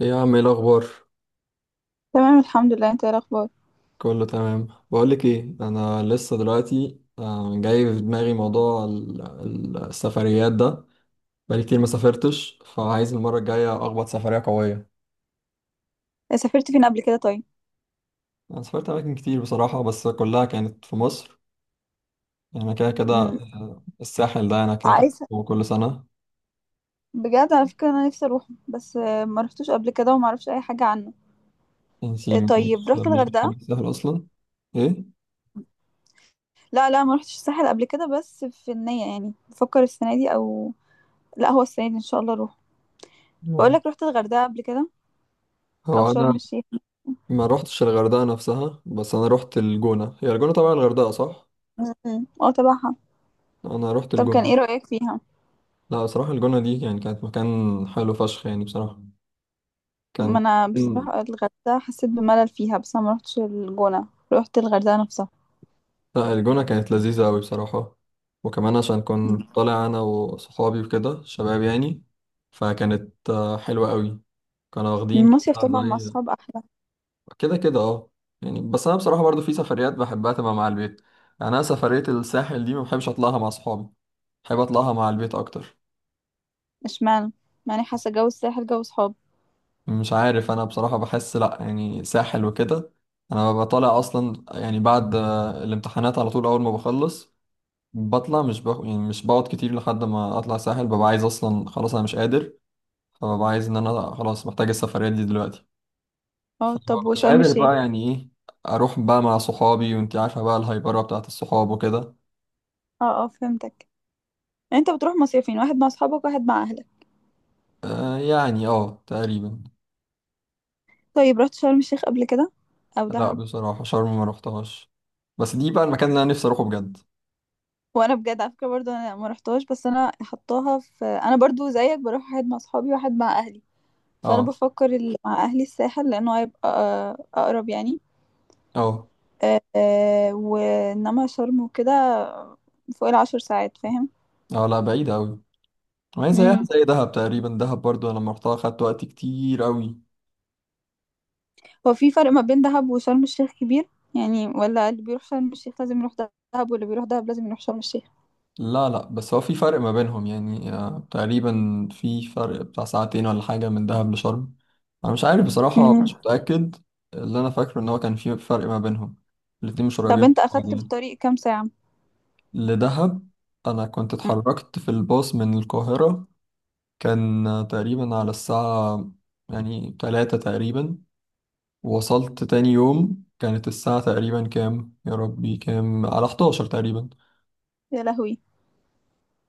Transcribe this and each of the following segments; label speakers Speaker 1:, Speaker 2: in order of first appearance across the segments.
Speaker 1: ايه يا عم، ايه الاخبار؟
Speaker 2: تمام، الحمد لله. انت ايه الاخبار؟
Speaker 1: كله تمام. بقولك ايه، انا لسه دلوقتي جاي في دماغي موضوع السفريات ده. بقالي كتير ما سافرتش، فعايز المره الجايه اخبط سفريه قويه.
Speaker 2: إيه، سافرت فين قبل كده طيب؟
Speaker 1: انا سافرت اماكن كتير بصراحه، بس كلها كانت في مصر. انا كده كده،
Speaker 2: امم.
Speaker 1: الساحل ده انا كده كده
Speaker 2: عايزه.
Speaker 1: هو كل سنه.
Speaker 2: بجد على فكره انا نفسي اروح، بس ما رحتوش قبل كده وما اعرفش اي حاجه عنه.
Speaker 1: انتي
Speaker 2: آه، طيب،
Speaker 1: مش
Speaker 2: رحت
Speaker 1: مش بتحبي
Speaker 2: الغردقه؟
Speaker 1: الساحل اصلا؟ ايه،
Speaker 2: لا، لا، ما رحتش الساحل قبل كده، بس في النيه. يعني بفكر السنه دي او لا، هو السنه دي ان شاء الله اروح. بقول
Speaker 1: هو
Speaker 2: لك، رحت الغردقه قبل كده؟ او
Speaker 1: هو انا
Speaker 2: شرم الشيخ؟
Speaker 1: ما روحتش الغردقه نفسها، بس انا روحت الجونه، هي الجونه طبعا الغردقه صح.
Speaker 2: امم، اه، تبعها.
Speaker 1: انا روحت
Speaker 2: طب، كان ايه
Speaker 1: الجونه.
Speaker 2: رايك فيها؟
Speaker 1: لا بصراحة الجونة دي يعني كانت مكان حلو فشخ يعني بصراحة.
Speaker 2: ما
Speaker 1: كان،
Speaker 2: انا
Speaker 1: مم.
Speaker 2: بصراحه الغردقه حسيت بملل فيها، بس انا ما رحتش الجونه، رحت الغردقه نفسها.
Speaker 1: لا الجونة كانت لذيذة أوي بصراحة. وكمان عشان كنت
Speaker 2: مم.
Speaker 1: طالع أنا وصحابي وكده، شباب يعني. فكانت حلوة أوي. كانوا واخدين
Speaker 2: المصيف
Speaker 1: كده
Speaker 2: طبعا مع
Speaker 1: زي
Speaker 2: الصحاب احلى.
Speaker 1: كده كده، اه. يعني بس أنا بصراحة برضو في سفريات بحبها تبقى مع البيت، يعني أنا سفرية الساحل دي ما بحبش أطلعها مع صحابي، بحب أطلعها مع البيت أكتر.
Speaker 2: اشمعنى؟ معني حاسه جو الساحل جو صحاب.
Speaker 1: مش عارف، انا بصراحة بحس لا، يعني ساحل وكده، انا ببقى طالع اصلا يعني بعد الامتحانات على طول، اول ما بخلص بطلع. مش بق... يعني مش بقعد كتير لحد ما اطلع ساحل، ببقى عايز اصلا خلاص انا مش قادر، فببقى عايز ان انا خلاص محتاج السفرية دي دلوقتي.
Speaker 2: اه،
Speaker 1: فمش
Speaker 2: طب،
Speaker 1: بالظبط
Speaker 2: وشرم
Speaker 1: قادر
Speaker 2: الشيخ؟
Speaker 1: بقى يعني ايه، اروح بقى مع صحابي، وانت عارفة بقى الهايبرة بتاعت الصحاب وكده.
Speaker 2: اه اه، فهمتك. يعني انت بتروح مصيفين، واحد مع اصحابك واحد مع اهلك؟
Speaker 1: آه، يعني اه تقريبا.
Speaker 2: طيب، رحت شرم الشيخ قبل كده؟ او
Speaker 1: لا
Speaker 2: دهب؟
Speaker 1: بصراحة شرم ما رحتهاش، بس دي بقى المكان اللي انا نفسي اروحه بجد.
Speaker 2: وانا بجد على فكره برضو، انا ما رحتهاش، بس انا حطاها في، انا برضو زيك بروح واحد مع اصحابي واحد مع اهلي. فانا
Speaker 1: اه،
Speaker 2: بفكر اللي مع اهلي الساحل لانه هيبقى اقرب يعني.
Speaker 1: اه،
Speaker 2: وانما شرم وكده فوق العشر ساعات.
Speaker 1: اه، لا بعيد قوي. ما هي زيها
Speaker 2: فاهم.
Speaker 1: زي دهب تقريبا، دهب برضو أنا لما رحتها خدت وقت كتير أوي.
Speaker 2: هو في فرق ما بين دهب وشرم الشيخ كبير؟ يعني، ولا اللي بيروح شرم الشيخ لازم يروح دهب، واللي بيروح دهب لازم يروح شرم الشيخ؟
Speaker 1: لا، لا، بس هو في فرق ما بينهم يعني تقريبا في فرق بتاع ساعتين ولا حاجة من دهب لشرم. أنا مش عارف بصراحة،
Speaker 2: مهم.
Speaker 1: مش متأكد. اللي أنا فاكره إن هو كان في فرق ما بينهم، الاتنين مش قريبين
Speaker 2: طب،
Speaker 1: من
Speaker 2: انت اخدت في
Speaker 1: بعضين.
Speaker 2: الطريق كام ساعة؟
Speaker 1: لدهب، أنا كنت
Speaker 2: مم.
Speaker 1: اتحركت في الباص من القاهرة، كان تقريبا على الساعة يعني 3 تقريبا. وصلت تاني يوم كانت الساعة تقريبا كام يا ربي؟ كام؟ على 11 تقريبا.
Speaker 2: يا لهوي.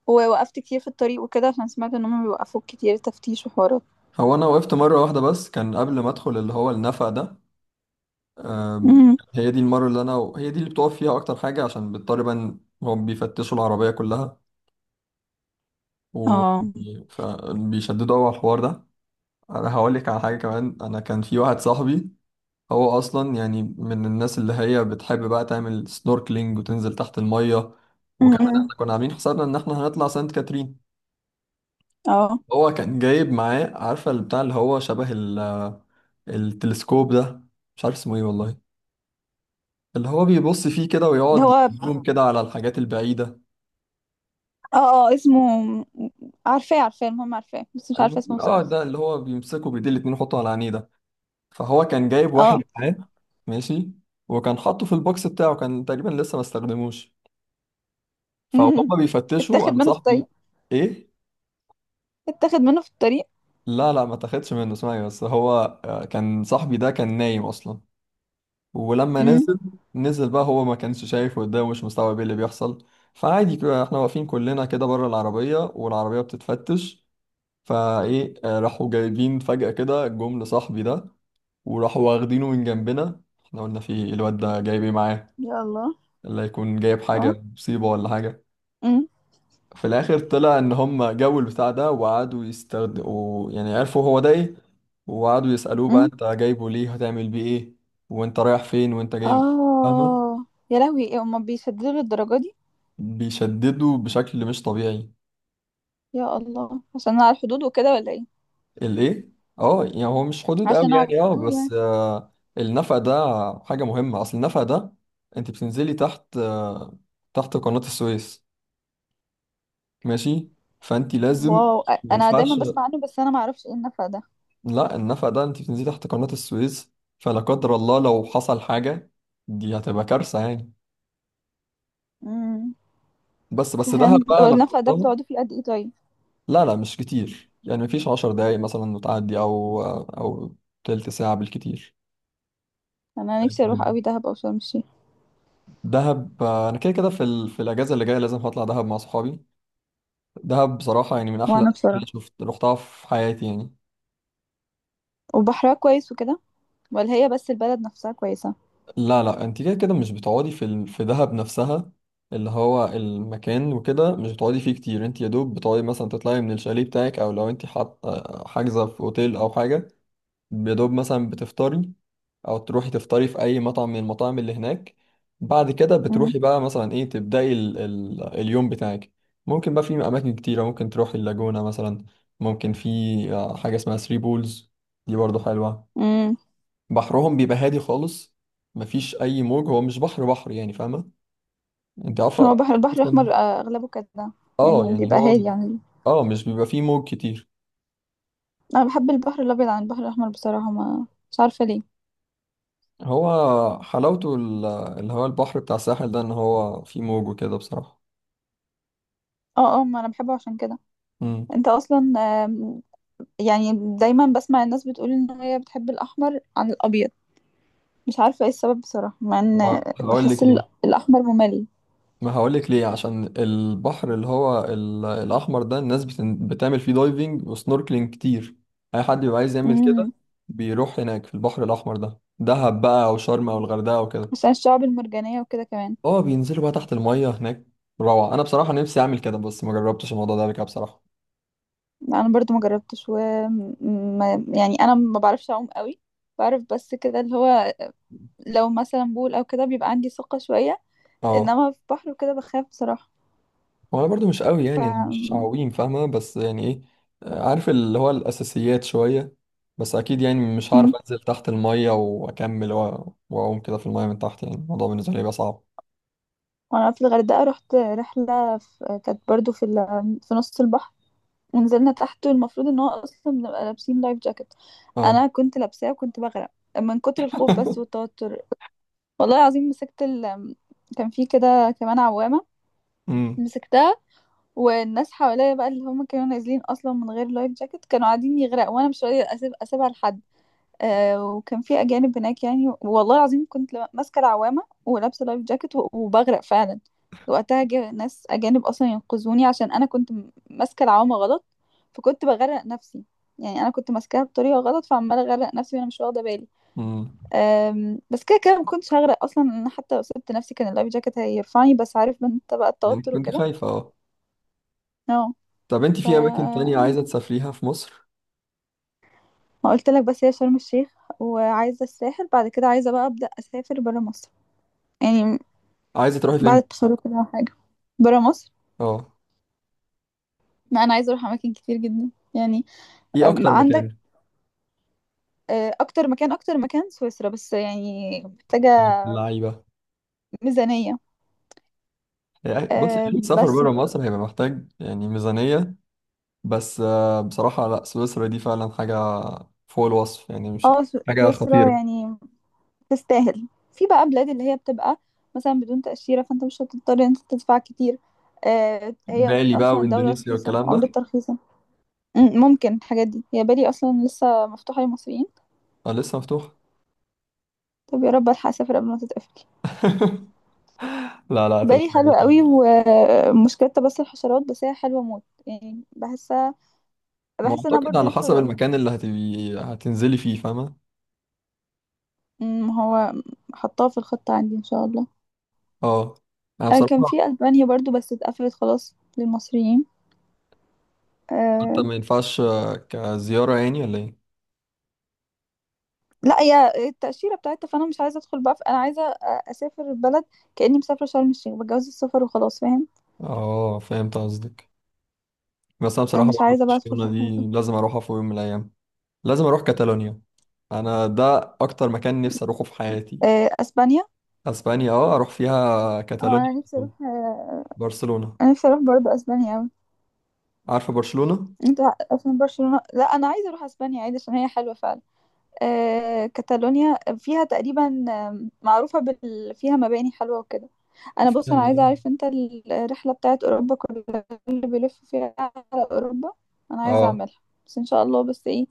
Speaker 2: ووقفت كتير في الطريق وكده عشان سمعت ان هم بيوقفوك كتير، تفتيش وحوارات.
Speaker 1: هو أنا وقفت مرة واحدة بس، كان قبل ما أدخل اللي هو النفق ده. أم،
Speaker 2: مهم.
Speaker 1: هي دي المرة اللي أنا هي دي اللي بتقف فيها أكتر حاجة، عشان بيضطر بقى إن هم بيفتشوا العربية كلها،
Speaker 2: اه.
Speaker 1: وبيشددوا أوي على الحوار ده. أنا هقولك على حاجة كمان، أنا كان في واحد صاحبي هو أصلا يعني من الناس اللي هي بتحب بقى تعمل سنوركلينج وتنزل تحت المية. وكمان
Speaker 2: مهم.
Speaker 1: احنا كنا عاملين حسابنا إن احنا هنطلع سانت كاترين.
Speaker 2: اه.
Speaker 1: هو كان جايب معاه، عارفة اللي بتاع اللي هو شبه ال، التلسكوب ده، مش عارف اسمه ايه والله، اللي هو بيبص فيه كده
Speaker 2: ده
Speaker 1: ويقعد
Speaker 2: هو، اه.
Speaker 1: يزوم كده على الحاجات البعيدة.
Speaker 2: اه، اسمه. عارفاه، عارفاه، المهم عارفاه، بس مش عارفه اسمه
Speaker 1: اه ده
Speaker 2: بصراحة.
Speaker 1: اللي هو بيمسكه بإيديه الاتنين، يحطه على عينيه ده. فهو كان جايب واحد
Speaker 2: اه.
Speaker 1: معاه، ماشي. وكان حاطه في البوكس بتاعه، كان تقريبا لسه ما استخدموش.
Speaker 2: مم.
Speaker 1: فهما بيفتشوا
Speaker 2: اتاخد
Speaker 1: انا
Speaker 2: منه في الطريق؟
Speaker 1: صاحبي، ايه،
Speaker 2: اتاخد منه في الطريق؟
Speaker 1: لا، لا، ما تاخدش منه، اسمعي بس، هو كان صاحبي ده كان نايم اصلا. ولما
Speaker 2: امم.
Speaker 1: نزل بقى هو ما كانش شايف قدامه، مش مستوعب ايه اللي بيحصل. فعادي كده احنا واقفين كلنا كده بره العربية، والعربية بتتفتش، فايه راحوا جايبين فجأة كده جم لصاحبي ده، وراحوا واخدينه من جنبنا. احنا قلنا في إيه؟ الواد ده جايب ايه معاه؟
Speaker 2: يا الله.
Speaker 1: اللي هيكون جايب
Speaker 2: اه.
Speaker 1: حاجة مصيبة ولا حاجة.
Speaker 2: امم.
Speaker 1: في الآخر طلع إن هم جابوا البتاع ده وقعدوا يستخدموا، يعني عرفوا هو ده ايه، وقعدوا يسألوه بقى انت جايبه ليه؟ هتعمل بيه ايه؟ وانت رايح فين، وانت جاي؟ فاهمة،
Speaker 2: اه. يا لهوي، ايه، هما بيسددوا للدرجة دي؟
Speaker 1: بيشددوا بشكل مش طبيعي.
Speaker 2: يا الله، عشان على الحدود وكده، ولا ايه؟
Speaker 1: الايه، اه يعني هو مش حدود قوي
Speaker 2: عشان على
Speaker 1: يعني، اه
Speaker 2: الحدود يعني؟
Speaker 1: بس آه النفق ده حاجة مهمة. اصل النفق ده انت بتنزلي تحت، تحت قناة السويس، ماشي، فانت لازم،
Speaker 2: واو،
Speaker 1: ما
Speaker 2: انا دايما
Speaker 1: ينفعش.
Speaker 2: بسمع عنه، بس انا ما اعرفش ايه النفق ده.
Speaker 1: لا النفق ده انت بتنزلي تحت قناة السويس، فلا قدر الله لو حصل حاجة دي هتبقى كارثة يعني.
Speaker 2: امم.
Speaker 1: بس دهب
Speaker 2: فهمت. هو
Speaker 1: بقى لما
Speaker 2: النفق ده
Speaker 1: رحتها،
Speaker 2: بتقعدوا فيه قد ايه طيب؟
Speaker 1: لا، لا، مش كتير يعني، مفيش 10 دقايق مثلا وتعدي، او او تلت ساعة بالكتير.
Speaker 2: انا نفسي اروح قوي دهب او شرم الشيخ.
Speaker 1: دهب، انا كده كده في الاجازه اللي جايه لازم هطلع دهب مع صحابي. دهب بصراحه يعني من احلى
Speaker 2: وانا
Speaker 1: الاماكن
Speaker 2: بصراحة.
Speaker 1: اللي شفت رحتها في حياتي يعني.
Speaker 2: وبحرها كويس وكده؟ ولا هي بس البلد نفسها كويسة؟
Speaker 1: لا، لا، انت كده كده مش بتقعدي في دهب نفسها، اللي هو المكان وكده مش بتقعدي فيه كتير. انت يا دوب بتقعدي مثلا تطلعي من الشاليه بتاعك، او لو انت حاط حاجزه في اوتيل او حاجه، يا دوب مثلا بتفطري، او تروحي تفطري في اي مطعم من المطاعم اللي هناك. بعد كده
Speaker 2: امم.
Speaker 1: بتروحي بقى مثلا ايه، تبداي ال اليوم بتاعك. ممكن بقى في اماكن كتيره، ممكن تروحي اللاجونه مثلا. ممكن في حاجه اسمها ثري بولز، دي برضو حلوه.
Speaker 2: امم.
Speaker 1: بحرهم بيبقى هادي خالص، مفيش اي موج، هو مش بحر بحر يعني، فاهمه انت،
Speaker 2: هو
Speaker 1: عارفه
Speaker 2: بحر البحر
Speaker 1: اصلا،
Speaker 2: الاحمر، اغلبه كده.
Speaker 1: اه
Speaker 2: يعني
Speaker 1: يعني
Speaker 2: بيبقى
Speaker 1: هو،
Speaker 2: هادي يعني.
Speaker 1: اه مش بيبقى فيه موج كتير.
Speaker 2: انا بحب البحر الابيض عن البحر الاحمر بصراحة، ما مش عارفة ليه.
Speaker 1: هو حلاوته اللي هو البحر بتاع الساحل ده ان هو فيه موج وكده بصراحه.
Speaker 2: اه اه، ما انا بحبه عشان كده.
Speaker 1: امم
Speaker 2: انت اصلا. آم، يعني، دايما بسمع الناس بتقول ان هي بتحب الاحمر عن الابيض. مش عارفه ايه السبب بصراحه، مع ان
Speaker 1: هقول
Speaker 2: بحس
Speaker 1: لك ليه،
Speaker 2: الاحمر ممل.
Speaker 1: ما هقولك ليه عشان البحر اللي هو الأحمر ده الناس بتعمل فيه دايفنج وسنوركلينج كتير، أي حد بيبقى عايز يعمل كده
Speaker 2: امم.
Speaker 1: بيروح هناك في البحر الأحمر ده، دهب بقى أو شرم أو الغردقة أو كده.
Speaker 2: عشان الشعب المرجانيه وكده كمان.
Speaker 1: اه بينزلوا بقى تحت المية هناك، روعة. أنا بصراحة نفسي أعمل كده بس ما جربتش الموضوع ده قبل كده بصراحة.
Speaker 2: انا برضو ما جربتش، و يعني انا ما بعرفش اعوم قوي. بعرف بس كده، اللي هو لو مثلا بول او كده بيبقى عندي ثقه شويه،
Speaker 1: اه.
Speaker 2: انما في بحر وكده بخاف بصراحه.
Speaker 1: هو أنا برضو مش قوي
Speaker 2: ف
Speaker 1: يعني، أنا مش عويم فاهمة، بس يعني إيه، عارف اللي هو الأساسيات شوية، بس أكيد يعني مش هعرف
Speaker 2: امم.
Speaker 1: أنزل تحت المية وأكمل وأقوم كده في المية من تحت، يعني الموضوع بالنسبة لي بقى صعب.
Speaker 2: وانا في الغردقه رحت رحله، كانت برضو في نص البحر. ونزلنا تحت. المفروض ان هو اصلا بنبقى لابسين لايف جاكيت.
Speaker 1: اه.
Speaker 2: انا كنت لابساه وكنت بغرق من كتر الخوف بس والتوتر. والله العظيم مسكت كان في كده كمان عوامة.
Speaker 1: امم،
Speaker 2: مسكتها. والناس حواليا بقى اللي هم كانوا نازلين اصلا من غير لايف جاكيت كانوا قاعدين يغرقوا، وانا مش راضية اسيبها لحد. وكان في اجانب هناك يعني، والله العظيم كنت ماسكه العوامه ولابسه لايف جاكيت وبغرق فعلا. وقتها جه ناس اجانب اصلا ينقذوني عشان انا كنت ماسكه العوامه غلط. فكنت بغرق نفسي. يعني انا كنت ماسكاها بطريقه غلط فعماله اغرق نفسي وانا مش واخده بالي.
Speaker 1: امم،
Speaker 2: بس كده كده ما كنتش هغرق اصلا، انا حتى لو سبت نفسي كان اللايف جاكيت هيرفعني، بس عارف من انت بقى
Speaker 1: يعني
Speaker 2: التوتر
Speaker 1: كنت
Speaker 2: وكده.
Speaker 1: خايفة اه؟
Speaker 2: اه.
Speaker 1: طب انت
Speaker 2: ف
Speaker 1: في اماكن تانية عايزة تسافريها في مصر؟
Speaker 2: ما قلت لك، بس هي شرم الشيخ. وعايزه الساحل. بعد كده عايزه بقى ابدا اسافر برا مصر، يعني
Speaker 1: عايزة تروحي فين؟
Speaker 2: بعد التخرج كده أو حاجة. برا مصر.
Speaker 1: اه،
Speaker 2: ما أنا عايزة أروح أماكن كتير جدا يعني.
Speaker 1: ايه اكتر
Speaker 2: عندك،
Speaker 1: مكان؟
Speaker 2: أكتر مكان سويسرا، بس يعني محتاجة
Speaker 1: اللعيبة.
Speaker 2: ميزانية.
Speaker 1: يعني بصي اي سفر
Speaker 2: بس
Speaker 1: بره مصر هيبقى محتاج يعني ميزانية، بس بصراحة لا سويسرا دي فعلا حاجة فوق الوصف يعني، مش
Speaker 2: اه،
Speaker 1: حاجة
Speaker 2: سويسرا
Speaker 1: خطيرة.
Speaker 2: يعني تستاهل. في بقى بلاد اللي هي بتبقى مثلا بدون تأشيرة، فأنت مش هتضطر إن أنت تدفع كتير. هي
Speaker 1: بالي بقى
Speaker 2: أصلا الدولة
Speaker 1: واندونيسيا
Speaker 2: رخيصة،
Speaker 1: والكلام ده
Speaker 2: عملتها رخيصة. ممكن الحاجات دي، هي بالي أصلا لسه مفتوحة للمصريين.
Speaker 1: لسه مفتوح.
Speaker 2: طب يا رب ألحق أسافر قبل ما تتقفل.
Speaker 1: لا، لا،
Speaker 2: بالي حلو
Speaker 1: هتلحقي.
Speaker 2: قوي، ومشكلتها بس الحشرات، بس هي حلوة موت يعني، بحسها.
Speaker 1: ما
Speaker 2: بحس ان انا
Speaker 1: اعتقد
Speaker 2: برضو
Speaker 1: على
Speaker 2: نفسي
Speaker 1: حسب
Speaker 2: ازورها.
Speaker 1: المكان اللي هتبي هتنزلي فيه، فاهمة؟
Speaker 2: هو حطاها في الخطة عندي ان شاء الله.
Speaker 1: اه. انا
Speaker 2: كان
Speaker 1: بصراحة،
Speaker 2: في ألبانيا برضو، بس اتقفلت خلاص للمصريين.
Speaker 1: حتى
Speaker 2: أه.
Speaker 1: ما ينفعش كزيارة يعني ولا ايه؟
Speaker 2: لا، هي التأشيرة بتاعتها، فأنا مش عايزة أدخل بقى في، أنا عايزة أسافر البلد كأني مسافرة شرم الشيخ، بتجوز السفر وخلاص، فاهم؟
Speaker 1: اه فهمت قصدك. بس انا
Speaker 2: أنا
Speaker 1: بصراحة
Speaker 2: مش
Speaker 1: برضه
Speaker 2: عايزة بقى أدخل في
Speaker 1: برشلونة
Speaker 2: حوار.
Speaker 1: دي لازم اروحها في يوم من الايام، لازم اروح كاتالونيا. انا ده اكتر مكان نفسي اروحه في حياتي.
Speaker 2: أه، أسبانيا.
Speaker 1: اسبانيا اه، اروح فيها
Speaker 2: أه
Speaker 1: كاتالونيا
Speaker 2: أنا
Speaker 1: على
Speaker 2: نفسي
Speaker 1: طول.
Speaker 2: أروح آه،
Speaker 1: برشلونة.
Speaker 2: أنا نفسي أروح برضو أسبانيا أوي.
Speaker 1: عارفة برشلونة؟
Speaker 2: أنت. عشان برشلونة، لا أنا عايزة أروح أسبانيا عادي عشان هي حلوة فعلا. كاتالونيا فيها تقريبا، معروفة فيها مباني حلوة وكده. أنا بص، أنا عايزة أعرف
Speaker 1: فيها-
Speaker 2: أنت الرحلة بتاعت أوروبا كلها اللي بيلف فيها على أوروبا، أنا عايزة
Speaker 1: اه
Speaker 2: أعملها. بس إن شاء الله، بس إيه،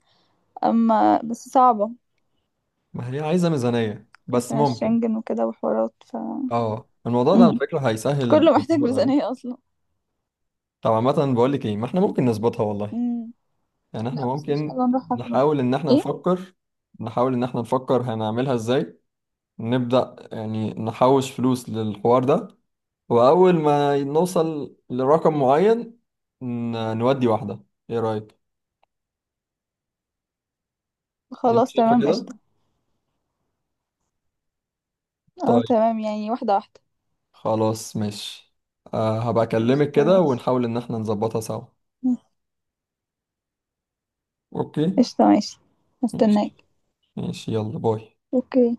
Speaker 2: أما بس صعبة
Speaker 1: ما هي عايزة ميزانية، بس
Speaker 2: عشان
Speaker 1: ممكن.
Speaker 2: الشنجن وكده وحوارات.
Speaker 1: اه الموضوع ده على
Speaker 2: مم.
Speaker 1: فكرة هيسهل
Speaker 2: كله محتاج
Speaker 1: الامور قوي.
Speaker 2: ميزانية أصلا.
Speaker 1: طب عامة بقول لك ايه، ما احنا ممكن نظبطها والله.
Speaker 2: مم.
Speaker 1: يعني احنا
Speaker 2: لا بس إن شاء
Speaker 1: ممكن
Speaker 2: الله نروحها في يوم.
Speaker 1: نحاول ان احنا
Speaker 2: إيه.
Speaker 1: نفكر نحاول ان احنا نفكر هنعملها ازاي. نبدأ يعني نحوش فلوس للحوار ده، واول ما نوصل لرقم معين نودي واحدة. ايه رأيك؟ انت
Speaker 2: خلاص،
Speaker 1: شايفة
Speaker 2: تمام،
Speaker 1: كده؟
Speaker 2: قشطة. أه،
Speaker 1: طيب،
Speaker 2: تمام يعني، واحدة واحدة.
Speaker 1: خلاص ماشي. أه، هبقى اكلمك
Speaker 2: قشطة،
Speaker 1: كده
Speaker 2: ماشي.
Speaker 1: ونحاول ان احنا نظبطها سوا. اوكي،
Speaker 2: قشطة، ماشي. هستناك.
Speaker 1: ماشي ماشي، يلا باي.
Speaker 2: اوكي.